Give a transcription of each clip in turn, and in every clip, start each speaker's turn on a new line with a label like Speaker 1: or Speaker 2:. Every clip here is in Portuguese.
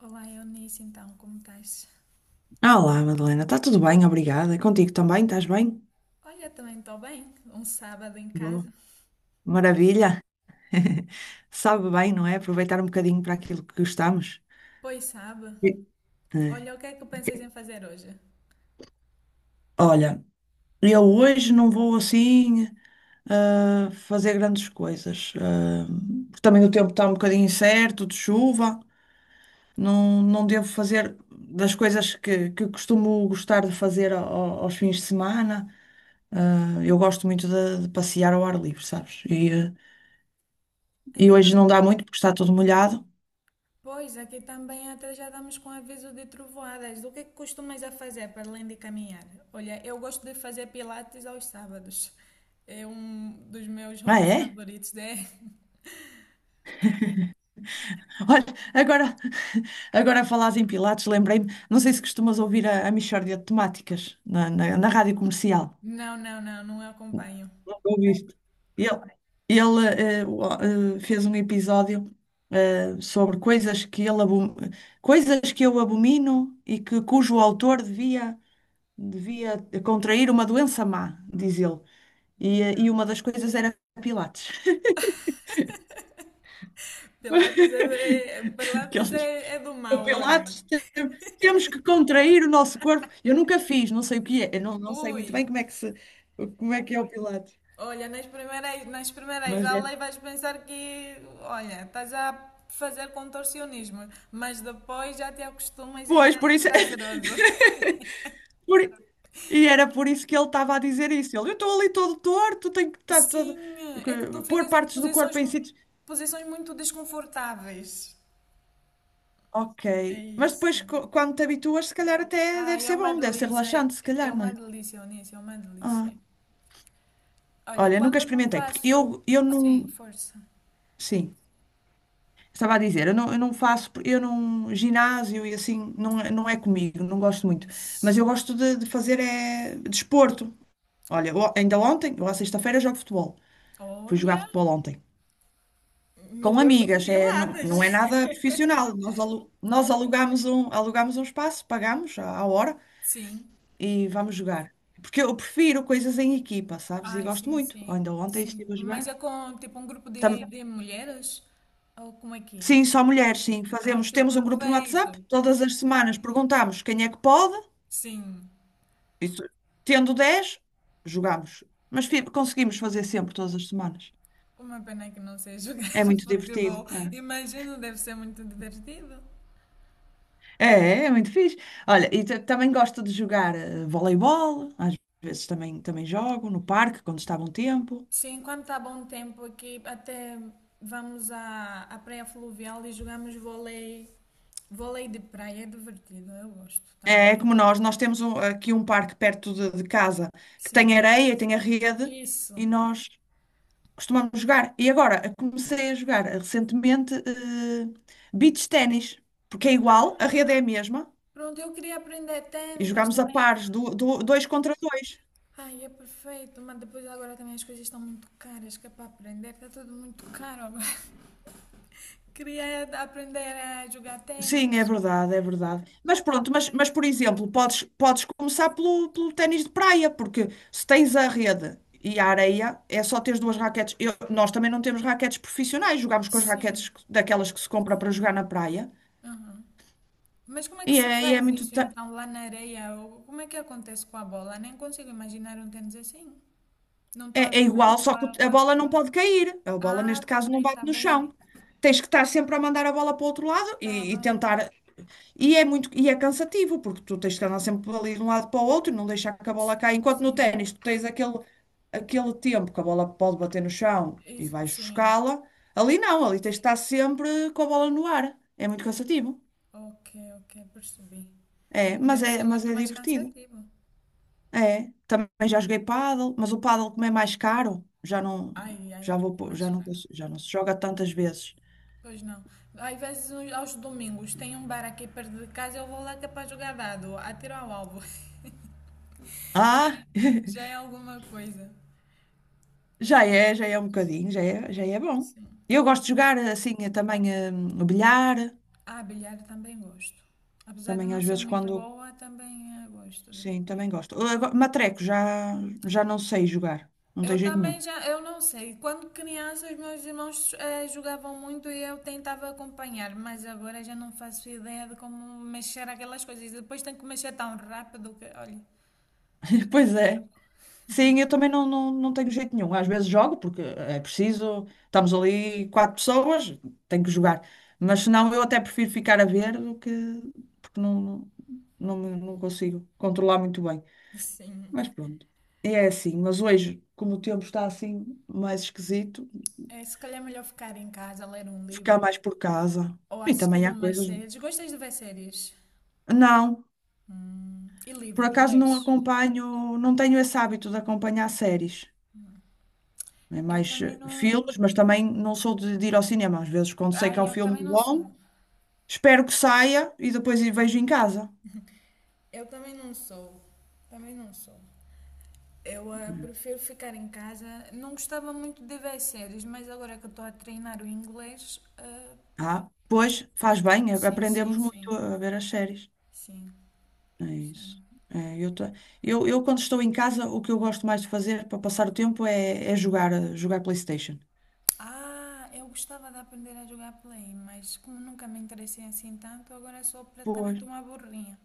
Speaker 1: Olá, Eunice, então, como estás?
Speaker 2: Olá, Madalena, está tudo bem? Obrigada. Contigo também, estás bem?
Speaker 1: Olha, também estou bem. Um sábado em
Speaker 2: Boa.
Speaker 1: casa.
Speaker 2: Maravilha. Sabe bem, não é? Aproveitar um bocadinho para aquilo que gostamos.
Speaker 1: Pois sabe.
Speaker 2: Sim. É.
Speaker 1: Olha, o que é que pensas em fazer hoje?
Speaker 2: Olha, eu hoje não vou assim fazer grandes coisas. Porque também o tempo está um bocadinho incerto, de chuva. Não, não devo fazer das coisas que costumo gostar de fazer aos fins de semana. Eu gosto muito de passear ao ar livre, sabes? E
Speaker 1: Aqui tam...
Speaker 2: hoje não dá muito porque está tudo molhado.
Speaker 1: Pois, aqui também até já estamos com aviso de trovoadas. O que é que costumas a fazer para além de caminhar? Olha, eu gosto de fazer pilates aos sábados. É um dos meus
Speaker 2: Ah,
Speaker 1: hobbies
Speaker 2: é?
Speaker 1: favoritos, é?
Speaker 2: Olha, agora, agora a falar em Pilates, lembrei-me, não sei se costumas ouvir a Mixórdia de Temáticas na rádio comercial.
Speaker 1: Não, não, não, não acompanho.
Speaker 2: Não ouviste? Ele, ele fez um episódio sobre coisas que coisas que eu abomino e que cujo autor devia contrair uma doença má, diz ele.
Speaker 1: Então,
Speaker 2: E uma das coisas era Pilates.
Speaker 1: pilates é, é-
Speaker 2: Que ele
Speaker 1: pilates
Speaker 2: diz,
Speaker 1: é, é do mal, olha.
Speaker 2: Pilates, temos que contrair o nosso corpo. Eu nunca fiz, não sei o que é, eu não, não sei muito bem
Speaker 1: Ui,
Speaker 2: como é que se, como é que é o Pilates,
Speaker 1: olha, nas primeiras
Speaker 2: mas deve.
Speaker 1: aulas vais pensar que, olha, estás a fazer contorcionismo, mas depois já te acostumas e
Speaker 2: Pois,
Speaker 1: já
Speaker 2: por
Speaker 1: é
Speaker 2: isso,
Speaker 1: prazeroso.
Speaker 2: por- e era por isso que ele estava a dizer isso. Ele, eu estou ali todo torto, tenho que estar todo,
Speaker 1: Sim, é que tu
Speaker 2: pôr
Speaker 1: ficas em
Speaker 2: partes do
Speaker 1: posições,
Speaker 2: corpo em sítios.
Speaker 1: posições muito desconfortáveis.
Speaker 2: Ok,
Speaker 1: É
Speaker 2: mas
Speaker 1: isso.
Speaker 2: depois quando te habituas, se calhar até deve
Speaker 1: Ai, é
Speaker 2: ser
Speaker 1: uma
Speaker 2: bom, deve ser
Speaker 1: delícia, é
Speaker 2: relaxante, se
Speaker 1: é
Speaker 2: calhar, não
Speaker 1: uma
Speaker 2: é?
Speaker 1: delícia, Onísio, é uma
Speaker 2: Ah,
Speaker 1: delícia. Olha,
Speaker 2: olha, nunca
Speaker 1: quando não
Speaker 2: experimentei, porque
Speaker 1: faço.
Speaker 2: eu
Speaker 1: Sim,
Speaker 2: não.
Speaker 1: força.
Speaker 2: Sim. Estava a dizer, eu não, ginásio e assim, não, é, não é comigo, não gosto muito. Mas
Speaker 1: Pois.
Speaker 2: eu gosto de fazer é desporto. Olha, ainda ontem, eu à sexta-feira jogo futebol. Fui jogar
Speaker 1: Olha,
Speaker 2: futebol ontem. Com
Speaker 1: melhor do que
Speaker 2: amigas, é, não, não é
Speaker 1: Pilates.
Speaker 2: nada profissional. Nós alugamos alugamos um espaço, pagamos à hora
Speaker 1: Sim.
Speaker 2: e vamos jogar. Porque eu prefiro coisas em equipa, sabes? E
Speaker 1: Ai,
Speaker 2: gosto
Speaker 1: sim,
Speaker 2: muito.
Speaker 1: sim,
Speaker 2: Ainda ontem
Speaker 1: sim.
Speaker 2: estive a
Speaker 1: Mas
Speaker 2: jogar.
Speaker 1: é com tipo um grupo de,
Speaker 2: Tam-
Speaker 1: de mulheres? Ou como é que
Speaker 2: Sim, só mulheres,
Speaker 1: é?
Speaker 2: sim.
Speaker 1: Ai,
Speaker 2: Fazemos,
Speaker 1: que
Speaker 2: temos um grupo no
Speaker 1: perfeito!
Speaker 2: WhatsApp, todas as semanas perguntamos quem é que pode.
Speaker 1: Sim.
Speaker 2: Isso, tendo 10 jogamos. Mas
Speaker 1: U-
Speaker 2: conseguimos fazer sempre, todas as semanas.
Speaker 1: Uma pena que não sei jogar
Speaker 2: É muito
Speaker 1: futebol.
Speaker 2: divertido.
Speaker 1: Imagino, deve ser muito divertido.
Speaker 2: É muito fixe. Olha, e também gosto de jogar voleibol. Às vezes também jogo no parque, quando está bom tempo.
Speaker 1: Sim, quando está bom tempo aqui, até vamos à praia fluvial e jogamos vôlei. Vôlei de praia é divertido, eu gosto também.
Speaker 2: É como nós temos aqui um parque perto de casa que tem
Speaker 1: Sim,
Speaker 2: areia, e tem a rede
Speaker 1: isso.
Speaker 2: e nós costumamos jogar. E agora comecei a jogar recentemente, beach ténis, porque é igual, a rede é a mesma.
Speaker 1: Pronto, eu queria aprender
Speaker 2: E
Speaker 1: ténis, mas
Speaker 2: jogámos a
Speaker 1: também. É
Speaker 2: pares, dois contra dois.
Speaker 1: Ai, é perfeito, mas depois agora também as coisas estão muito caras, que é para aprender, está tudo muito caro agora. Queria aprender a jogar
Speaker 2: Sim, é
Speaker 1: tênis.
Speaker 2: verdade, é verdade. Mas pronto, mas por exemplo, podes começar pelo ténis de praia, porque se tens a rede e a areia, é só teres duas raquetes. Nós também não temos raquetes profissionais, jogamos com as raquetes
Speaker 1: Sim.
Speaker 2: daquelas que se compra para jogar na praia.
Speaker 1: Aham. Mas como é que se
Speaker 2: E é
Speaker 1: faz
Speaker 2: muito.
Speaker 1: isso então lá na areia? Ou como é que acontece com a bola? Nem consigo imaginar um tênis assim. Não estou a
Speaker 2: É, é
Speaker 1: ver mesmo
Speaker 2: igual, só que
Speaker 1: para
Speaker 2: a
Speaker 1: a
Speaker 2: bola não
Speaker 1: esporte.
Speaker 2: pode cair. A bola,
Speaker 1: Ah,
Speaker 2: neste
Speaker 1: tá
Speaker 2: caso, não
Speaker 1: bem,
Speaker 2: bate
Speaker 1: tá
Speaker 2: no
Speaker 1: bem.
Speaker 2: chão. Tens que estar sempre a mandar a bola para o outro lado
Speaker 1: Tá
Speaker 2: e
Speaker 1: bem.
Speaker 2: tentar. E é cansativo, porque tu tens que andar sempre ali de um lado para o outro, não deixar que a bola caia.
Speaker 1: Sim,
Speaker 2: Enquanto no
Speaker 1: sim.
Speaker 2: ténis tu tens aquele, aquele tempo que a bola pode bater no chão e
Speaker 1: Isso,
Speaker 2: vais
Speaker 1: sim.
Speaker 2: buscá-la, ali não, ali tens de estar sempre com a bola no ar. É muito
Speaker 1: O-
Speaker 2: cansativo.
Speaker 1: Ok, ok, percebi. É, deve ser
Speaker 2: Mas
Speaker 1: muito
Speaker 2: é
Speaker 1: mais
Speaker 2: divertido.
Speaker 1: cansativo.
Speaker 2: É, também já joguei pádel, mas o pádel como é mais caro, já não,
Speaker 1: Ai, ai,
Speaker 2: já vou,
Speaker 1: muito
Speaker 2: pô-
Speaker 1: mais
Speaker 2: já não,
Speaker 1: caro.
Speaker 2: cons- já não se joga tantas vezes.
Speaker 1: Pois não. Às vezes aos domingos tem um bar aqui perto de casa, eu vou lá que é para jogar dado, atiro ao alvo. Já,
Speaker 2: Ah!
Speaker 1: é, já é alguma coisa.
Speaker 2: Já é, já é bom.
Speaker 1: Sim.
Speaker 2: Eu
Speaker 1: Ou
Speaker 2: gosto
Speaker 1: em...
Speaker 2: de jogar assim o bilhar,
Speaker 1: Ah, bilhar também gosto. Apesar de
Speaker 2: também
Speaker 1: não
Speaker 2: às
Speaker 1: ser
Speaker 2: vezes
Speaker 1: muito
Speaker 2: quando.
Speaker 1: boa, também gosto de vez
Speaker 2: Sim,
Speaker 1: em
Speaker 2: também
Speaker 1: quando.
Speaker 2: gosto. Matreco, já, já não sei jogar, não
Speaker 1: Eu
Speaker 2: tenho jeito
Speaker 1: também
Speaker 2: nenhum.
Speaker 1: já, eu não sei. Quando criança, os meus irmãos jogavam muito e eu tentava acompanhar, mas agora já não faço ideia de como mexer aquelas coisas. Depois tenho que mexer tão rápido que, olha, já me
Speaker 2: Pois é.
Speaker 1: perco.
Speaker 2: Sim, eu também não, não tenho jeito nenhum. Às vezes jogo porque é preciso, estamos ali quatro pessoas, tenho que jogar. Mas senão eu até prefiro ficar a ver do que. Porque não, não, não, me- Não consigo controlar muito bem.
Speaker 1: Sim.
Speaker 2: Mas pronto, e é assim. Mas hoje, como o tempo está assim mais esquisito,
Speaker 1: É, se calhar é melhor ficar em casa, ler um
Speaker 2: ficar
Speaker 1: livro
Speaker 2: mais por casa.
Speaker 1: ou
Speaker 2: E também
Speaker 1: assistir
Speaker 2: há
Speaker 1: umas
Speaker 2: coisas.
Speaker 1: séries. Gostas de ver séries
Speaker 2: Não,
Speaker 1: e
Speaker 2: por
Speaker 1: livros,
Speaker 2: acaso não
Speaker 1: lês?
Speaker 2: acompanho, não tenho esse hábito de acompanhar séries. É
Speaker 1: Eu
Speaker 2: mais
Speaker 1: também não.
Speaker 2: filmes, mas também não sou de ir ao cinema. Às vezes, quando sei que
Speaker 1: Ai,
Speaker 2: há um
Speaker 1: eu
Speaker 2: filme
Speaker 1: também não sou.
Speaker 2: bom, espero que saia e depois vejo em casa.
Speaker 1: Eu também não sou. Também não sou. Eu prefiro ficar em casa. Não gostava muito de ver séries, mas agora que eu estou a treinar o inglês.
Speaker 2: Ah, pois faz bem,
Speaker 1: Sim, sim,
Speaker 2: aprendemos muito
Speaker 1: sim.
Speaker 2: a ver as séries.
Speaker 1: Sim,
Speaker 2: É
Speaker 1: sim.
Speaker 2: isso. É, eu, tô- eu, Quando estou em casa, o que eu gosto mais de fazer para passar o tempo é jogar, jogar PlayStation.
Speaker 1: Ah, eu gostava de aprender a jogar play, mas como nunca me interessei assim tanto, agora sou
Speaker 2: Pois.
Speaker 1: praticamente uma burrinha.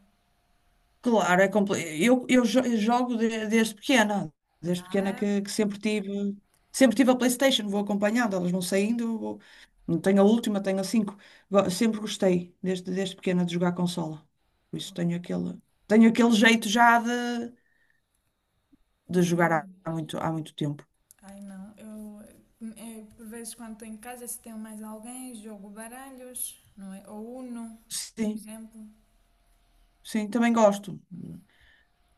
Speaker 2: Claro, é compl... eu jogo desde pequena,
Speaker 1: Ah,
Speaker 2: que sempre tive a PlayStation, vou acompanhando, elas vão saindo, não tenho a última, tenho a cinco. Sempre gostei, desde pequena, de jogar consola. Por isso tenho aquele jeito já de jogar
Speaker 1: desgrudo.
Speaker 2: há muito tempo.
Speaker 1: Ai não, eu, é, por vezes quando estou em casa, se tenho mais alguém, jogo baralhos, não é? Ou Uno, por
Speaker 2: Sim,
Speaker 1: exemplo.
Speaker 2: sim, também gosto.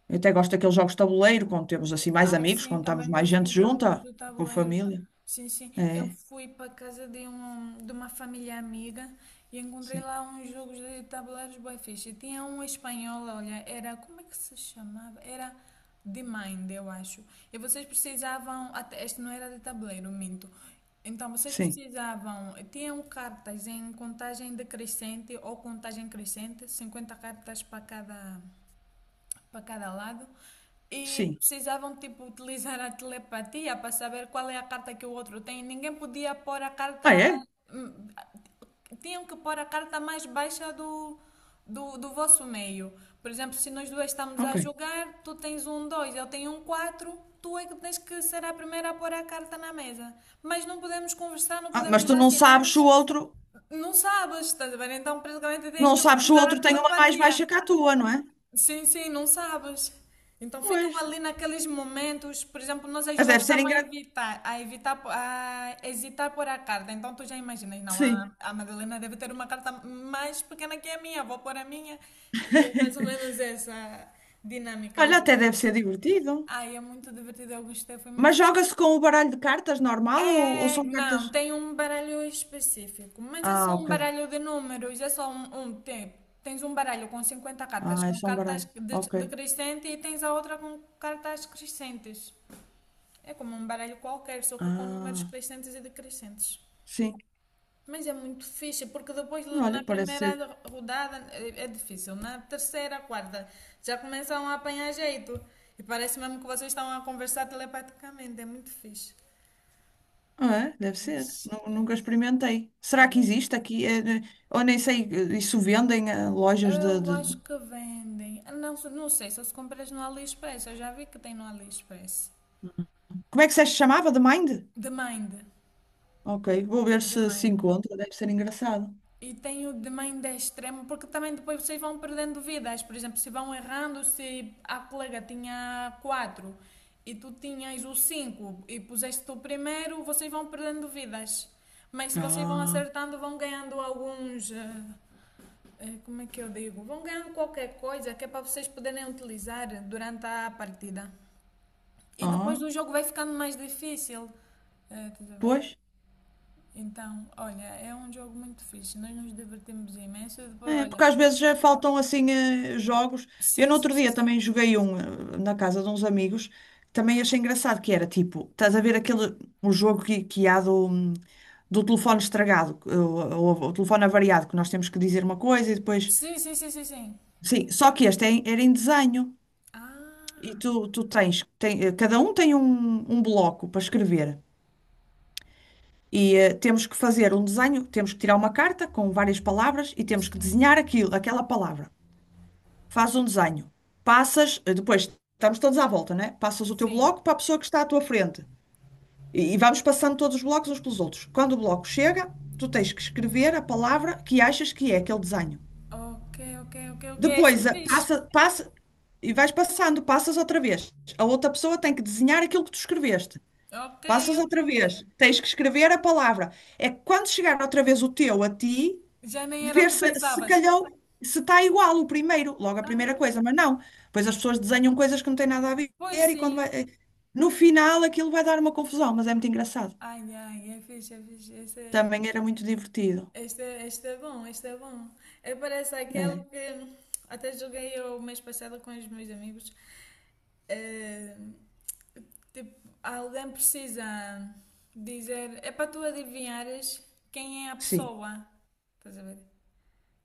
Speaker 2: Eu até gosto daqueles jogos de tabuleiro, quando temos assim mais
Speaker 1: Ai,
Speaker 2: amigos,
Speaker 1: sim,
Speaker 2: quando estamos
Speaker 1: também
Speaker 2: mais
Speaker 1: gosto
Speaker 2: gente
Speaker 1: dos jogos
Speaker 2: junta,
Speaker 1: do
Speaker 2: com
Speaker 1: tabuleiro.
Speaker 2: família.
Speaker 1: Sim, sim. Eu
Speaker 2: É,
Speaker 1: fui para casa de uma família amiga e encontrei
Speaker 2: sim,
Speaker 1: lá uns jogos de tabuleiros bué fixe. Tinha um espanhol, olha, era, como é que se chamava? Era de Mind, eu acho. E vocês precisavam, até, este não era de tabuleiro, minto. Então, vocês
Speaker 2: sim,
Speaker 1: precisavam, tinham cartas em contagem decrescente ou contagem crescente, 50 cartas para cada lado e
Speaker 2: sim.
Speaker 1: precisavam tipo utilizar a telepatia para saber qual é a carta que o outro tem. Ninguém podia pôr a
Speaker 2: Ah,
Speaker 1: carta,
Speaker 2: é?
Speaker 1: hum, tinham que pôr a carta mais baixa do vosso meio. Por exemplo, se nós duas estamos a
Speaker 2: Ok.
Speaker 1: jogar, tu tens um 2, eu tenho um 4, tu é que tens que ser a primeira a pôr a carta na mesa. Mas não podemos conversar, não
Speaker 2: Ah, mas
Speaker 1: podemos
Speaker 2: tu
Speaker 1: dar
Speaker 2: não sabes se
Speaker 1: sinais.
Speaker 2: o outro,
Speaker 1: Não sabes, estás a ver? Então, praticamente, têm
Speaker 2: não
Speaker 1: que
Speaker 2: sabes se o
Speaker 1: utilizar a
Speaker 2: outro tem uma mais
Speaker 1: telepatia.
Speaker 2: baixa que a tua, não é?
Speaker 1: Sim, sim, não sabes. Então ficam
Speaker 2: Pois.
Speaker 1: ali naqueles momentos, por exemplo, nós as
Speaker 2: Mas
Speaker 1: duas
Speaker 2: deve ser
Speaker 1: estamos a
Speaker 2: engraçado.
Speaker 1: evitar, a evitar, a hesitar por a carta. Então tu já imaginas, não,
Speaker 2: Sim.
Speaker 1: a Madalena deve ter uma carta mais pequena que a minha, vou pôr a minha. E é mais ou menos essa dinâmica o
Speaker 2: Olha, até
Speaker 1: jogo.
Speaker 2: deve ser divertido.
Speaker 1: Ai, é muito divertido, eu gostei, foi muito
Speaker 2: Mas
Speaker 1: fixe.
Speaker 2: joga-se com o baralho de cartas normal ou
Speaker 1: É,
Speaker 2: são
Speaker 1: não,
Speaker 2: cartas?
Speaker 1: tem um baralho específico, mas é
Speaker 2: Ah,
Speaker 1: só um
Speaker 2: ok.
Speaker 1: baralho de números, é só um. Tens um baralho com 50 cartas,
Speaker 2: Ah, é
Speaker 1: com
Speaker 2: só um
Speaker 1: cartas
Speaker 2: baralho. Ok.
Speaker 1: decrescente e tens a outra com cartas crescentes. É como um baralho qualquer, só que com números
Speaker 2: Ah,
Speaker 1: crescentes e decrescentes.
Speaker 2: sim.
Speaker 1: Mas é muito fixe, porque depois
Speaker 2: Olha,
Speaker 1: na
Speaker 2: parece
Speaker 1: primeira
Speaker 2: ser.
Speaker 1: rodada é difícil, na terceira, quarta, já começam a apanhar jeito. E parece mesmo que vocês estão a conversar telepaticamente, é muito fixe. É
Speaker 2: Ah, é?
Speaker 1: muito
Speaker 2: Deve ser.
Speaker 1: fixe. É.
Speaker 2: Nunca experimentei. Será que
Speaker 1: Olha,
Speaker 2: existe aqui? Ou nem sei, isso vendem a lojas
Speaker 1: eu acho
Speaker 2: de...
Speaker 1: que vendem. Ah, não, não sei se as compras no AliExpress. Eu já vi que tem no AliExpress.
Speaker 2: Como é que se chamava? The Mind?
Speaker 1: De Mind.
Speaker 2: Ok, vou ver
Speaker 1: De
Speaker 2: se se
Speaker 1: Mind.
Speaker 2: encontra. Deve ser engraçado.
Speaker 1: E tem o de Mind é extremo, porque também depois vocês vão perdendo vidas. Por exemplo, se vão errando, se a colega tinha quatro e tu tinhas o cinco e puseste o primeiro, vocês vão perdendo vidas. Mas se vocês vão
Speaker 2: Ah,
Speaker 1: acertando, vão ganhando alguns. Como é que eu digo? Vão ganhando qualquer coisa que é para vocês poderem utilizar durante a partida. E depois
Speaker 2: ah,
Speaker 1: o jogo vai ficando mais difícil. Estás a ver?
Speaker 2: pois.
Speaker 1: Então, olha, é um jogo muito fixe. Nós nos divertimos imenso. E depois,
Speaker 2: É,
Speaker 1: olha.
Speaker 2: porque às vezes já faltam assim jogos. Eu
Speaker 1: Sim,
Speaker 2: no
Speaker 1: sim,
Speaker 2: outro dia
Speaker 1: sim.
Speaker 2: também joguei um na casa de uns amigos, também achei engraçado que era tipo, estás a ver aquele o jogo que há do, do telefone estragado, o telefone avariado, que nós temos que dizer uma coisa e depois.
Speaker 1: Sim, sim, sim, sim.
Speaker 2: Sim, só que este era em desenho e
Speaker 1: Ah,
Speaker 2: tu, tu tens, tem, eh, cada um tem um bloco para escrever. E temos que fazer um desenho, temos que tirar uma carta com várias palavras e temos que
Speaker 1: sim.
Speaker 2: desenhar aquela palavra. Faz um desenho, passas, depois estamos todos à volta, né? Passas o teu
Speaker 1: Sim.
Speaker 2: bloco para a pessoa que está à tua frente e vamos passando todos os blocos uns pelos outros. Quando o bloco chega, tu tens que escrever a palavra que achas que é aquele desenho.
Speaker 1: Ok, ok, ok, ok. Isso é fixe.
Speaker 2: Passa, passa e vais passando, passas outra vez. A outra pessoa tem que desenhar aquilo que tu escreveste.
Speaker 1: Ok,
Speaker 2: Passas
Speaker 1: eu estou
Speaker 2: outra
Speaker 1: a ver.
Speaker 2: vez, tens que escrever a palavra. É que quando chegar outra vez o teu a ti,
Speaker 1: Já nem era o
Speaker 2: ver
Speaker 1: que
Speaker 2: se
Speaker 1: pensavas.
Speaker 2: calhou, se está igual o primeiro, logo a
Speaker 1: Ah,
Speaker 2: primeira coisa, mas não. Pois as pessoas desenham coisas que não têm nada a ver
Speaker 1: pois
Speaker 2: e quando vai,
Speaker 1: sim.
Speaker 2: no final aquilo vai dar uma confusão, mas é muito engraçado.
Speaker 1: Ai, ai, é fixe, é fixe.
Speaker 2: Também era muito divertido.
Speaker 1: Este é bom, este é bom. Parece aquele
Speaker 2: É,
Speaker 1: que até joguei eu o mês passado com os meus amigos. Eh, tipo, alguém precisa dizer, é para tu adivinhares quem é a
Speaker 2: sim,
Speaker 1: pessoa. Estás a ver?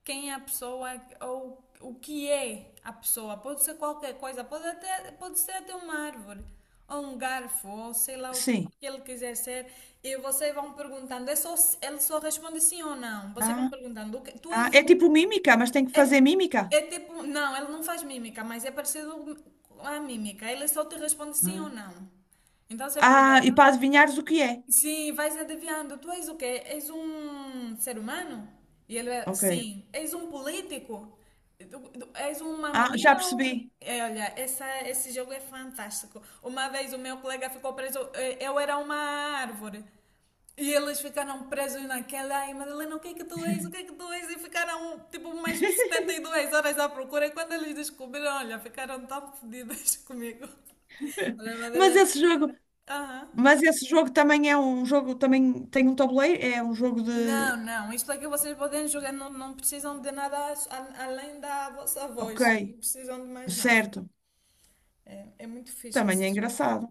Speaker 1: Quem é a pessoa ou o que é a pessoa. Pode ser qualquer coisa, pode, até, pode ser até uma árvore, ou um garfo, ou sei lá o que
Speaker 2: sim.
Speaker 1: ele quiser ser. E vocês vão perguntando, é só, ele só responde sim ou não. Vocês
Speaker 2: Ah,
Speaker 1: vão perguntando, "O que- tu
Speaker 2: ah,
Speaker 1: és
Speaker 2: é tipo
Speaker 1: um.
Speaker 2: mímica, mas tem que
Speaker 1: É,
Speaker 2: fazer mímica.
Speaker 1: é tipo, não, ele não faz mímica, mas é parecido com a mímica. Ele só te responde sim ou
Speaker 2: Ah,
Speaker 1: não. Então você
Speaker 2: ah,
Speaker 1: pergunta.
Speaker 2: e para adivinhares o que é.
Speaker 1: Sim, vai se adivinhando. Tu és o quê? És um ser humano? E ele, é,
Speaker 2: Ok.
Speaker 1: sim. És um político? És uma
Speaker 2: Ah, já
Speaker 1: menina? Ou...
Speaker 2: percebi.
Speaker 1: É, olha, esse jogo é fantástico. Uma vez o meu colega ficou preso. Eu era uma árvore. E eles ficaram presos naquela. Ai, Madalena, o que é que tu és? O que é que tu és? E ficaram tipo umas 72 horas à procura. E quando eles descobriram, olha, ficaram tão fodidas comigo. Olha,
Speaker 2: Mas
Speaker 1: Madalena.
Speaker 2: esse jogo,
Speaker 1: Aham.
Speaker 2: mas esse jogo também é um jogo, também tem um tabuleiro, é um jogo
Speaker 1: Não,
Speaker 2: de.
Speaker 1: não, isto é que vocês podem jogar, não, não precisam de nada além da vossa
Speaker 2: Ok,
Speaker 1: voz, não precisam de mais nada.
Speaker 2: certo.
Speaker 1: É muito fixe
Speaker 2: Também é
Speaker 1: esse jogo.
Speaker 2: engraçado.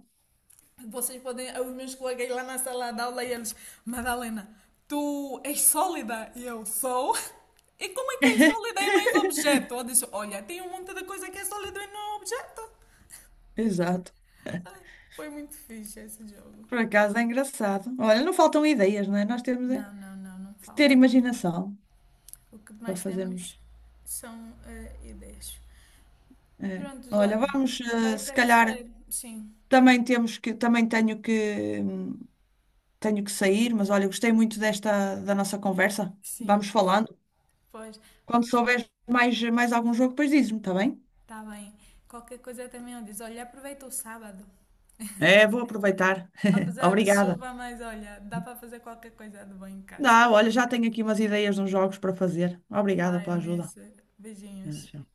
Speaker 1: Vocês podem, os meus colegas lá na sala de aula e eles, Madalena, tu és sólida? E eu sou. E como é que é sólida e não és objeto? Eu disse, olha, tem um monte de coisa que é sólido e não é objeto.
Speaker 2: Exato.
Speaker 1: Ah, foi muito fixe esse jogo.
Speaker 2: Por acaso é engraçado. Olha, não faltam ideias, não é? Nós temos é
Speaker 1: Não, não, não, não
Speaker 2: que ter
Speaker 1: faltam.
Speaker 2: imaginação
Speaker 1: O que
Speaker 2: para
Speaker 1: mais temos
Speaker 2: fazermos.
Speaker 1: são ideias.
Speaker 2: É.
Speaker 1: Prontos,
Speaker 2: Olha,
Speaker 1: olha, vai
Speaker 2: se
Speaker 1: ter que
Speaker 2: calhar
Speaker 1: ser. Sim,
Speaker 2: também tenho que sair, mas olha, gostei muito desta da nossa conversa.
Speaker 1: sim.
Speaker 2: Vamos falando.
Speaker 1: Pois,
Speaker 2: Quando
Speaker 1: vamos.
Speaker 2: souberes mais, mais algum jogo, depois dizes-me, está bem?
Speaker 1: Tá bem. Qualquer coisa também eu diz. Olha, aproveita o sábado.
Speaker 2: É, vou aproveitar.
Speaker 1: Apesar de
Speaker 2: Obrigada.
Speaker 1: chuva, mas olha, dá para fazer qualquer coisa de bom em casa.
Speaker 2: Dá, olha, já tenho aqui umas ideias de uns jogos para fazer. Obrigada
Speaker 1: Vai,
Speaker 2: pela ajuda.
Speaker 1: Eunice. Beijinhos.
Speaker 2: Já.